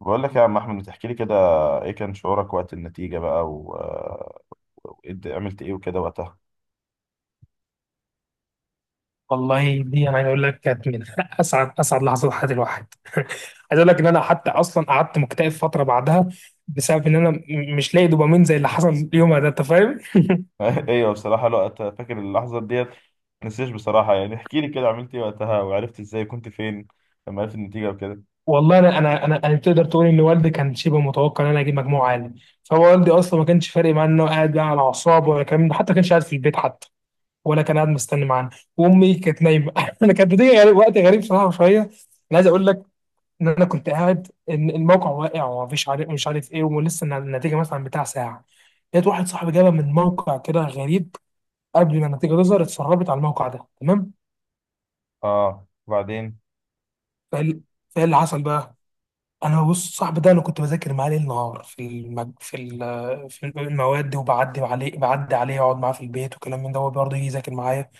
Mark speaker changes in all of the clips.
Speaker 1: بقول لك يا عم احمد، بتحكي لي كده ايه كان شعورك وقت النتيجة بقى عملت ايه وكده وقتها؟
Speaker 2: والله دي عايز اقول لك كانت من اسعد لحظات حياه الواحد عايز اقول لك ان انا حتى اصلا قعدت مكتئب فتره بعدها بسبب ان انا مش لاقي دوبامين زي اللي حصل يومها ده، انت فاهم.
Speaker 1: ايوه بصراحة الوقت فاكر اللحظة ديت، نسيش بصراحة. يعني احكي لي كده عملت ايه وقتها وعرفت ازاي كنت فين لما عرفت النتيجة وكده؟
Speaker 2: والله انا تقدر تقول ان والدي كان شبه متوقع ان انا اجيب مجموع عالي، فهو والدي اصلا ما كانش فارق معاه انه قاعد بقى على اعصابه، ولا كان حتى ما كانش قاعد في البيت حتى، ولا كان قاعد مستني معانا. وامي كانت نايمه. انا كانت بتيجي وقت غريب صراحه شويه. انا عايز اقول لك ان انا كنت قاعد إن الموقع واقع ومفيش عارف مش عارف ايه، ولسه النتيجه مثلا بتاع ساعه، لقيت واحد صاحبي جابها من موقع كده غريب، قبل ما النتيجه تظهر اتسربت على الموقع ده، تمام؟
Speaker 1: اه، وبعدين.
Speaker 2: فال- فايه اللي حصل بقى؟ انا بص، صاحبي ده انا كنت بذاكر معاه ليل نهار في المج... في ال... في المواد، وبعدي عليه بعدي عليه اقعد معاه في البيت وكلام من ده، هو برضه يجي يذاكر معايا.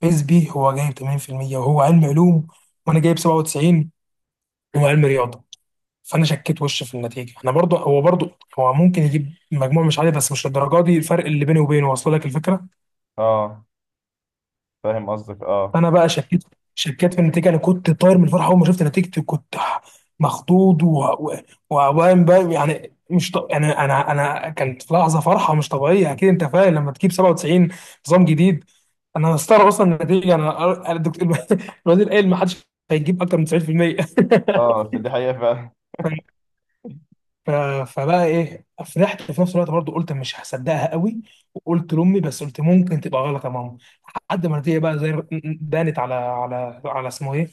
Speaker 2: فيز بي هو جايب 80%، وهو علم علوم، وانا جايب 97، وهو علم رياضه. فانا شكيت وش في النتيجه، انا برضو هو برضو، هو ممكن يجيب مجموع مش عالي، بس مش للدرجه دي الفرق اللي بيني وبينه. واصل لك الفكره؟
Speaker 1: اه، فاهم قصدك، اه.
Speaker 2: فانا بقى شكيت، شكيت في النتيجه. انا كنت طاير من الفرحه اول ما شفت نتيجتي، كنت مخضوض. وقام بقى يعني مش ط... يعني انا كانت في لحظه فرحه مش طبيعيه، اكيد انت فاهم لما تجيب 97 نظام جديد. انا مستغرب اصلا النتيجه، انا الدكتور الوزير قال ما حدش هيجيب اكتر من 90%.
Speaker 1: اه، فدي حقيقة فعلا.
Speaker 2: ف- فبقى ايه، فرحت في نفس الوقت برضه قلت مش هصدقها قوي. وقلت لامي، بس قلت ممكن تبقى غلط يا ماما، لحد ما النتيجه بقى زي بانت على اسمه ايه،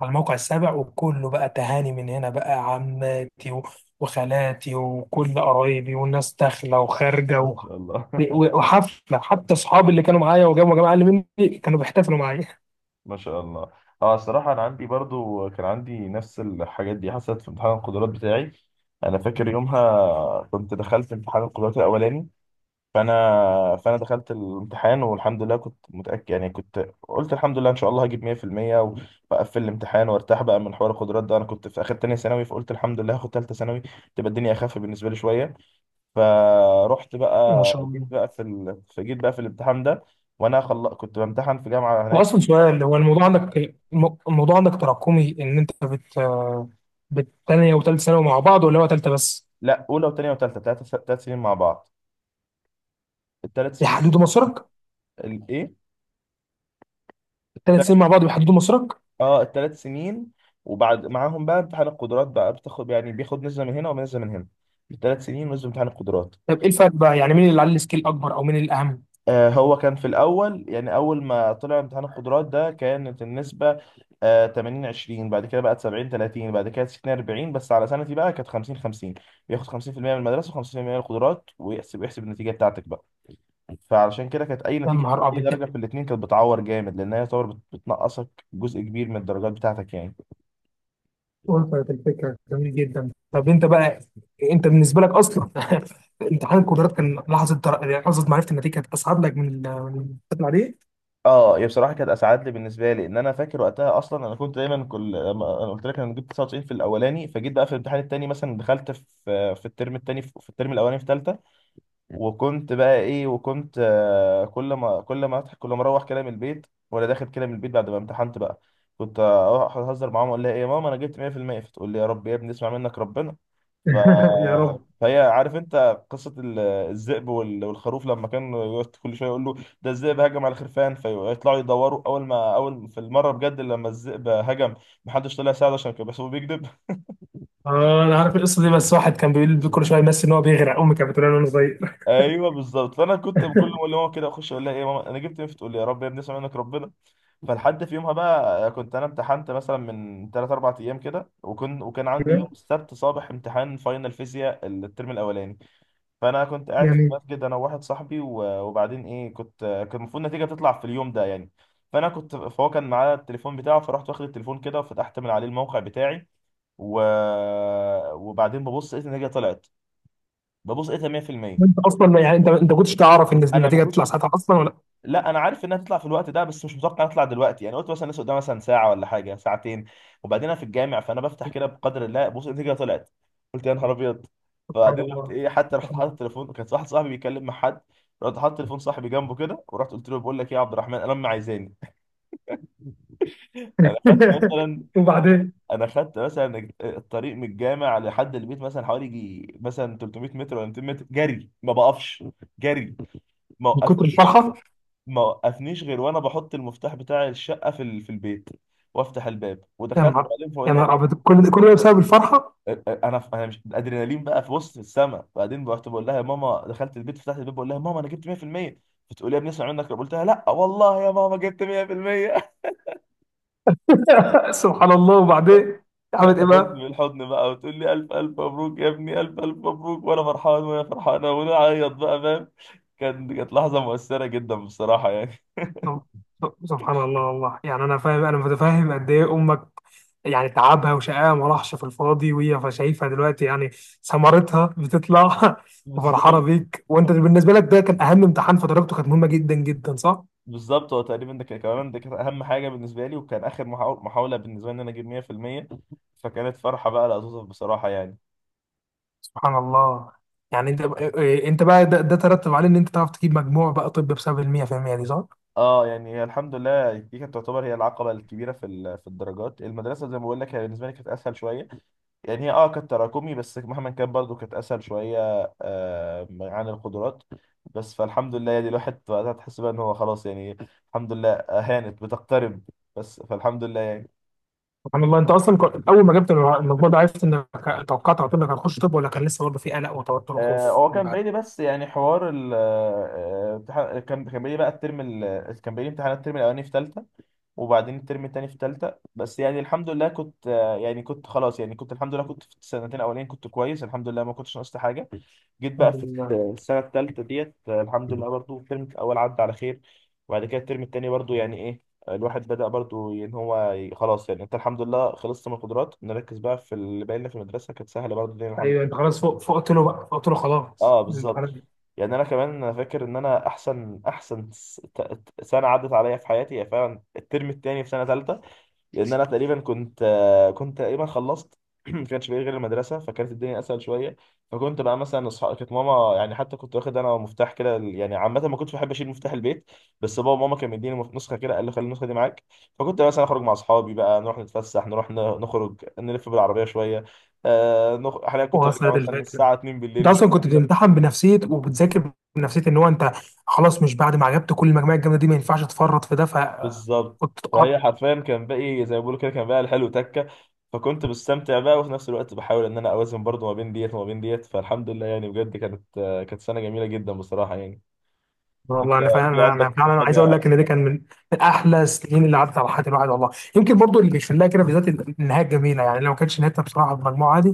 Speaker 2: على الموقع السابع. وكله بقى تهاني من هنا، بقى عماتي وخالاتي وكل قرايبي، والناس داخله وخارجه
Speaker 1: ما شاء الله.
Speaker 2: وحفله حتى. اصحابي اللي كانوا معايا وجابوا جماعه اللي مني كانوا بيحتفلوا معايا.
Speaker 1: ما شاء الله. اه، الصراحة انا عندي برضو كان عندي نفس الحاجات دي حصلت في امتحان القدرات بتاعي. انا فاكر يومها كنت دخلت امتحان القدرات الاولاني، فانا فانا دخلت الامتحان والحمد لله كنت متاكد. يعني كنت قلت الحمد لله ان شاء الله هجيب 100%، واقفل الامتحان وارتاح بقى من حوار القدرات ده. انا كنت في اخر تانية ثانوي، فقلت الحمد لله هاخد تالتة ثانوي تبقى الدنيا اخف بالنسبه لي شويه. فروحت
Speaker 2: ما
Speaker 1: بقى،
Speaker 2: شاء
Speaker 1: جيت
Speaker 2: الله.
Speaker 1: بقى في ال... فجيت بقى في الامتحان ده. كنت بامتحن في جامعه
Speaker 2: هو
Speaker 1: هناك.
Speaker 2: اصلا سؤال، هو الموضوع عندك، الموضوع عندك تراكمي ان انت بالتانية وتالت ثانوي مع بعض، ولا هو تالتة بس
Speaker 1: لا، اولى وثانيه وثالثه، ثلاث ثلاث سنين مع بعض، الثلاث سنين.
Speaker 2: بيحددوا مصيرك؟
Speaker 1: الايه؟
Speaker 2: تالت سنين مع بعض بيحددوا مصيرك.
Speaker 1: اه، الثلاث سنين. وبعد معاهم بقى امتحان القدرات بقى، بتاخد يعني بياخد نسبة من هنا ونسبة من هنا، الثلاث سنين ونسبة امتحان القدرات.
Speaker 2: طب ايه الفرق بقى يعني، مين اللي عليه السكيل اكبر او مين الاهم؟
Speaker 1: آه، هو كان في الأول، يعني أول ما طلع امتحان القدرات ده كانت النسبة 80 20، بعد كده بقت 70 30، بعد كده 60 40، بس على سنتي بقى كانت 50 50. بياخد 50% من المدرسة و50% من القدرات، ويحسب النتيجة بتاعتك بقى. فعلشان كده كانت أي
Speaker 2: يا
Speaker 1: نتيجة
Speaker 2: نهار
Speaker 1: أي
Speaker 2: ابيض،
Speaker 1: درجة في الاتنين كانت بتعور جامد، لأنها يعتبر بتنقصك جزء كبير من الدرجات بتاعتك يعني.
Speaker 2: وصلت الفكرة، جميل جدا. طب انت بقى، انت بالنسبة لك اصلا امتحان القدرات كان لحظة معرفة النتيجة كانت اصعب لك من من الامتحان عليه؟
Speaker 1: اه، هي بصراحه كانت اسعد لي بالنسبه لي، ان انا فاكر وقتها اصلا. انا كنت دايما انا قلت لك انا جبت 99 في الاولاني، فجيت بقى في الامتحان التاني مثلا دخلت في الترم التاني في الترم الاولاني في ثالثه. وكنت بقى ايه، وكنت، كل ما اروح كده من البيت ولا داخل كده من البيت بعد ما امتحنت بقى، كنت اروح اهزر معاهم اقول لها ايه يا ماما انا جبت 100%، فتقول لي يا رب يا ابني اسمع منك ربنا. ف...
Speaker 2: يا رب.
Speaker 1: فهي، عارف انت قصه الذئب والخروف، لما كان يقعد كل شويه يقول له ده الذئب هجم على الخرفان فيطلعوا يدوروا. اول ما اول في المره بجد لما الذئب هجم محدش طلع يساعده عشان كان بيحسبه بيكذب.
Speaker 2: اه انا عارف القصة دي، بس واحد كان بيقول كل شوية يمثل ان هو بيغرق، امي كانت بتقول له وانا صغير.
Speaker 1: ايوه بالظبط. فانا كنت بكل ما اقول لماما كده اخش اقول لها ايه يا ماما انا جبت ايه، فتقول لي يا رب يا ابني اسمع منك ربنا. فلحد في يومها بقى، كنت انا امتحنت مثلا من 3 4 ايام كده، وكان عندي يوم
Speaker 2: بجد؟
Speaker 1: السبت صباح امتحان فاينل فيزياء الترم الاولاني. فانا كنت قاعد في
Speaker 2: جميل.
Speaker 1: المسجد انا وواحد صاحبي، وبعدين ايه، كان المفروض النتيجه تطلع في اليوم ده يعني. فانا كنت فهو كان معاه التليفون بتاعه، فرحت واخد التليفون كده وفتحت من عليه الموقع بتاعي، و... وبعدين ببص لقيت النتيجه طلعت، ببص لقيتها 100%.
Speaker 2: وانت اصلا يعني، انت كنتش تعرف ان
Speaker 1: انا ما
Speaker 2: النتيجه
Speaker 1: كنتش،
Speaker 2: هتطلع ساعتها اصلا ولا؟
Speaker 1: لا انا عارف انها تطلع في الوقت ده، بس مش متوقع نطلع دلوقتي يعني. قلت مثلا لسه قدامها مثلا ساعه ولا حاجه، ساعتين. وبعدين انا في الجامع، فانا بفتح كده بقدر الله، بص النتيجه طلعت. قلت يا نهار ابيض.
Speaker 2: سبحان
Speaker 1: فبعدين رحت
Speaker 2: الله.
Speaker 1: ايه حتى رحت
Speaker 2: سبحان
Speaker 1: حاطط التليفون، وكان واحد صاحبي بيتكلم مع حد، رحت حاطط تليفون صاحبي جنبه كده ورحت قلت له بقول لك ايه يا عبد الرحمن، انا امي عايزاني. انا خدت
Speaker 2: الله.
Speaker 1: مثلا
Speaker 2: وبعدين؟
Speaker 1: انا خدت مثلا الطريق من الجامع لحد البيت مثلا حوالي يجي مثلا 300 متر ولا 200 متر جري، ما بقفش جري، ما
Speaker 2: من كتر
Speaker 1: وقفنيش
Speaker 2: الفرحه.
Speaker 1: ما وقفنيش غير وانا بحط المفتاح بتاع الشقه في البيت، وافتح الباب
Speaker 2: يا
Speaker 1: ودخلت
Speaker 2: نهار،
Speaker 1: بعدين
Speaker 2: يا
Speaker 1: فاقول لها
Speaker 2: نهار ابيض،
Speaker 1: ايه.
Speaker 2: كل ده كل ده بسبب الفرحه؟
Speaker 1: انا انا مش، الادرينالين بقى في وسط السما. بعدين رحت بقول لها يا ماما، دخلت البيت فتحت الباب بقول لها ماما انا جبت 100%، فتقول لي يا ابني اسمع منك. قلت لها لا والله يا ماما جبت 100%.
Speaker 2: سبحان الله، وبعدين عملت ايه
Speaker 1: فتاخدني
Speaker 2: بقى؟
Speaker 1: بالحضن بقى وتقول لي الف الف مبروك يا ابني، الف الف مبروك. وانا فرحان وهي فرحانه ونعيط بقى، فاهم. كانت لحظه مؤثره جدا بصراحه يعني.
Speaker 2: نو. سبحان الله والله، يعني انا فاهم، انا متفاهم قد ايه امك يعني تعبها وشقاها ما راحش في الفاضي، وهي شايفها دلوقتي يعني ثمرتها بتطلع. وفرحانه
Speaker 1: بالظبط.
Speaker 2: بيك. وانت بالنسبه لك ده كان اهم امتحان فدرجته كانت مهمه جدا جدا، صح؟
Speaker 1: بالظبط، هو تقريبا ده كان كمان، ده كانت اهم حاجه بالنسبه لي، وكان اخر محاوله بالنسبه لي ان انا اجيب 100%. فكانت فرحه بقى لا توصف بصراحه يعني.
Speaker 2: سبحان الله. يعني انت بقى، إيه- إيه، انت بقى ده ترتب عليه ان انت تعرف تجيب مجموع بقى طب، بسبب ال 100% دي صح؟
Speaker 1: اه، يعني هي الحمد لله دي كانت تعتبر هي العقبه الكبيره في الدرجات. المدرسه زي ما بقول لك هي بالنسبه لي كانت اسهل شويه، يعني هي اه كانت تراكمي بس مهما كان برضو كانت اسهل شويه عن القدرات. بس فالحمد لله يعني الواحد وقتها تحس بقى ان هو خلاص يعني، الحمد لله هانت بتقترب. بس فالحمد لله يعني.
Speaker 2: سبحان الله. انت اصلا كنت، اول ما جبت المجموع ده عرفت انك توقعت على طول انك هتخش طب، ولا كان لسه برضه في قلق وتوتر وخوف
Speaker 1: هو
Speaker 2: اللي
Speaker 1: كان
Speaker 2: بعد؟
Speaker 1: باين لي، بس يعني حوار كان باين لي بقى، كان باين لي امتحانات الترم الاولاني في ثالثه وبعدين الترم الثاني في ثالثه. بس يعني الحمد لله كنت، يعني كنت خلاص، يعني كنت الحمد لله كنت في السنتين الاولين كنت كويس الحمد لله، ما كنتش ناقصت حاجه. جيت بقى
Speaker 2: الحمد
Speaker 1: في
Speaker 2: لله.
Speaker 1: السنه الثالثه ديت، الحمد لله برضو الترم الاول عدى على خير. وبعد كده الترم الثاني برضو يعني ايه، الواحد بدأ برضو ان هو خلاص يعني انت الحمد لله خلصت من القدرات، نركز بقى في اللي باقي لنا في المدرسه. كانت سهله برضو الدنيا الحمد
Speaker 2: ايوه انت
Speaker 1: لله.
Speaker 2: خلاص فوق، فقت له بقى، فقت له خلاص
Speaker 1: اه
Speaker 2: الامتحانات
Speaker 1: بالظبط.
Speaker 2: دي.
Speaker 1: يعني انا كمان، أنا فاكر ان انا احسن احسن سنه عدت عليا في حياتي هي فعلا الترم الثاني في سنه ثالثه. لان انا تقريبا كنت، كنت تقريبا خلصت. ما كانش بقى غير المدرسه، فكانت الدنيا اسهل شويه. فكنت بقى مثلا اصحاب، كانت ماما يعني حتى كنت واخد انا مفتاح كده يعني، عامه ما كنتش بحب اشيل مفتاح البيت، بس بابا وماما كانوا مديني نسخه كده، قال لي خلي النسخه دي معاك. فكنت مثلا اخرج مع اصحابي بقى نروح نتفسح، نروح نخرج نلف بالعربيه شويه. حاليا كنت برجع
Speaker 2: وصلت
Speaker 1: مثلا
Speaker 2: الفكره.
Speaker 1: الساعه 2
Speaker 2: انت
Speaker 1: بالليل مش
Speaker 2: اصلا كنت بتمتحن بنفسيه وبتذاكر بنفسيه ان هو انت خلاص، مش بعد ما عجبت كل المجموعه الجامده دي ما ينفعش تفرط في ده، ف...
Speaker 1: بالظبط. فهي حرفيا كان باقي زي ما بقول كده، كان باقي الحلو تكه. فكنت بستمتع بقى وفي نفس الوقت بحاول ان انا اوازن برضو ما بين ديت وما بين ديت. فالحمد لله يعني بجد كانت سنه جميله جدا بصراحه يعني. انت
Speaker 2: والله انا فعلا،
Speaker 1: في
Speaker 2: انا
Speaker 1: عندك
Speaker 2: فعلا عايز اقول
Speaker 1: حاجه؟
Speaker 2: لك ان ده كان من من احلى السنين اللي عدت على حياه الواحد، والله. يمكن برضو اللي بيشفل لها كده بالذات النهايه الجميله يعني، لو ما كانتش نهايتها بصراحه بالمجموعه دي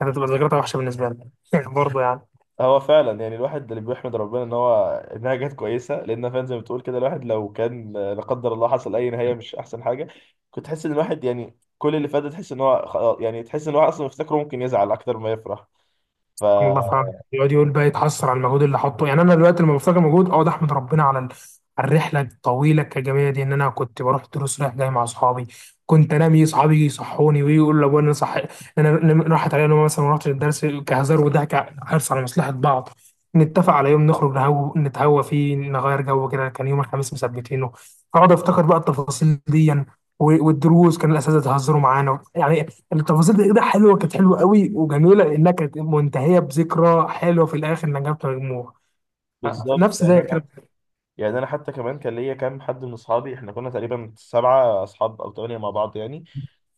Speaker 2: كانت هتبقى ذكرياتها وحشه بالنسبه لنا برضو يعني.
Speaker 1: هو فعلا يعني الواحد اللي بيحمد ربنا ان هو انها جت كويسه، لان فعلا زي ما بتقول كده الواحد لو كان لا قدر الله حصل اي نهايه مش احسن حاجه، كنت تحس ان الواحد يعني كل اللي فات ده تحس ان هو خلاص يعني، تحس ان هو اصلا مفتكره ممكن يزعل اكتر ما يفرح. ف
Speaker 2: سبحان الله فعلا، يقعد يقول بقى يتحسر على المجهود اللي حطه. يعني انا دلوقتي لما بفتكر مجهود، اه ده احمد ربنا على على الرحله الطويله الكجميه دي، ان انا كنت بروح دروس رايح جاي مع اصحابي، كنت انام يجي اصحابي يجي يصحوني، ويقول لابويا إن انا صح، إن أنا راحت عليا نوم مثلا ما رحتش الدرس كهزار وضحك، حرص على مصلحه بعض. نتفق على يوم نخرج نهو نتهوى فيه نغير جو كده، كان يوم الخميس مثبتينه. اقعد افتكر بقى التفاصيل دي يعني، والدروس كان الاساتذه يهزروا معانا يعني. التفاصيل دي كده حلوه، كانت حلوه قوي وجميله، لانها كانت منتهيه بذكرى حلوه في الاخر انها جابت مجموع
Speaker 1: بالظبط.
Speaker 2: نفس زي كده.
Speaker 1: يعني انا حتى كمان كان ليا كام حد من اصحابي، احنا كنا تقريبا سبعه اصحاب او ثمانيه مع بعض يعني.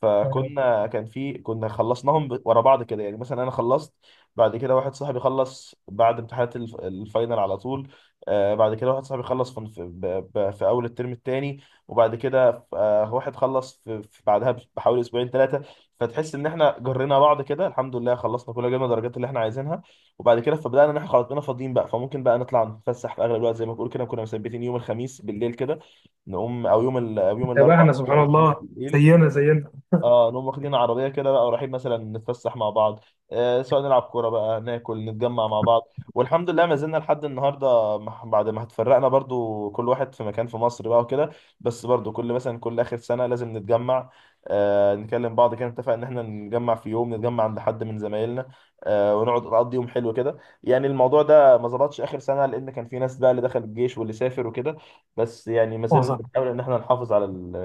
Speaker 1: فكنا كان في كنا خلصناهم ورا بعض كده، يعني مثلا انا خلصت، بعد كده واحد صاحبي خلص بعد امتحانات الفاينل على طول. آه بعد كده واحد صاحبي خلص في اول الترم الثاني. وبعد كده واحد خلص في بعدها بحوالي اسبوعين ثلاثه. فتحس ان احنا جرينا بعض كده، الحمد لله خلصنا كلنا جبنا درجات اللي احنا عايزينها. وبعد كده فبدأنا ان احنا خلاص بقينا فاضيين بقى، فممكن بقى نطلع نتفسح. في اغلب الوقت زي ما بقول كده كنا مثبتين يوم الخميس بالليل كده، نقوم او يوم الاربع
Speaker 2: بتتابعنا
Speaker 1: بالليل
Speaker 2: سبحان
Speaker 1: او الخميس
Speaker 2: الله،
Speaker 1: بالليل.
Speaker 2: زينا زينا.
Speaker 1: اه نقوم واخدين عربيه كده بقى ورايحين مثلا نتفسح مع بعض، آه سواء نلعب كوره بقى، ناكل نتجمع مع بعض. والحمد لله ما زلنا لحد النهارده، بعد ما اتفرقنا برضو كل واحد في مكان في مصر بقى وكده. بس برضو كل مثلا كل اخر سنه لازم نتجمع، آه نكلم بعض كده نتفق ان احنا نتجمع في يوم، نتجمع عند حد من زمايلنا، آه ونقعد نقضي يوم حلو كده. يعني الموضوع ده ما ظبطش اخر سنه لان كان في ناس بقى اللي دخل الجيش واللي سافر وكده، بس يعني ما زلنا
Speaker 2: وصل
Speaker 1: بنحاول ان احنا نحافظ على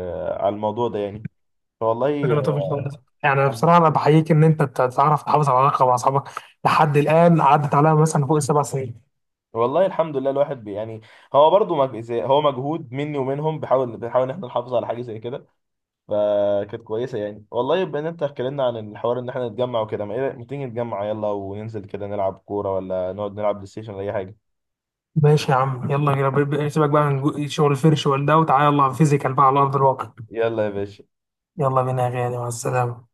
Speaker 1: على الموضوع ده يعني.
Speaker 2: فكرة
Speaker 1: والله
Speaker 2: لطيفة جدا. يعني بصراحه انا
Speaker 1: الحمد-
Speaker 2: بحييك ان انت تعرف تحافظ على العلاقه مع اصحابك لحد الان، عدت عليها مثلا فوق ال7 سنين.
Speaker 1: والله الحمد لله الواحد بي يعني، هو برضو هو مجهود مني ومنهم، بنحاول ان احنا نحافظ على حاجه زي كده. فكانت كويسه يعني والله. بما ان انت اتكلمنا عن الحوار ان احنا نتجمع وكده، ما ايه رأيك- ما تيجي نتجمع يلا وننزل كده نلعب كوره، ولا نقعد نلعب بلاي ستيشن، ولا اي حاجه؟
Speaker 2: ماشي يا عم، يلا بينا، سيبك بقى من شغل الفرش والده وتعالى يلا فيزيكال بقى على ارض الواقع.
Speaker 1: يلا يا باشا.
Speaker 2: يلا بينا يا غالي، مع السلامه.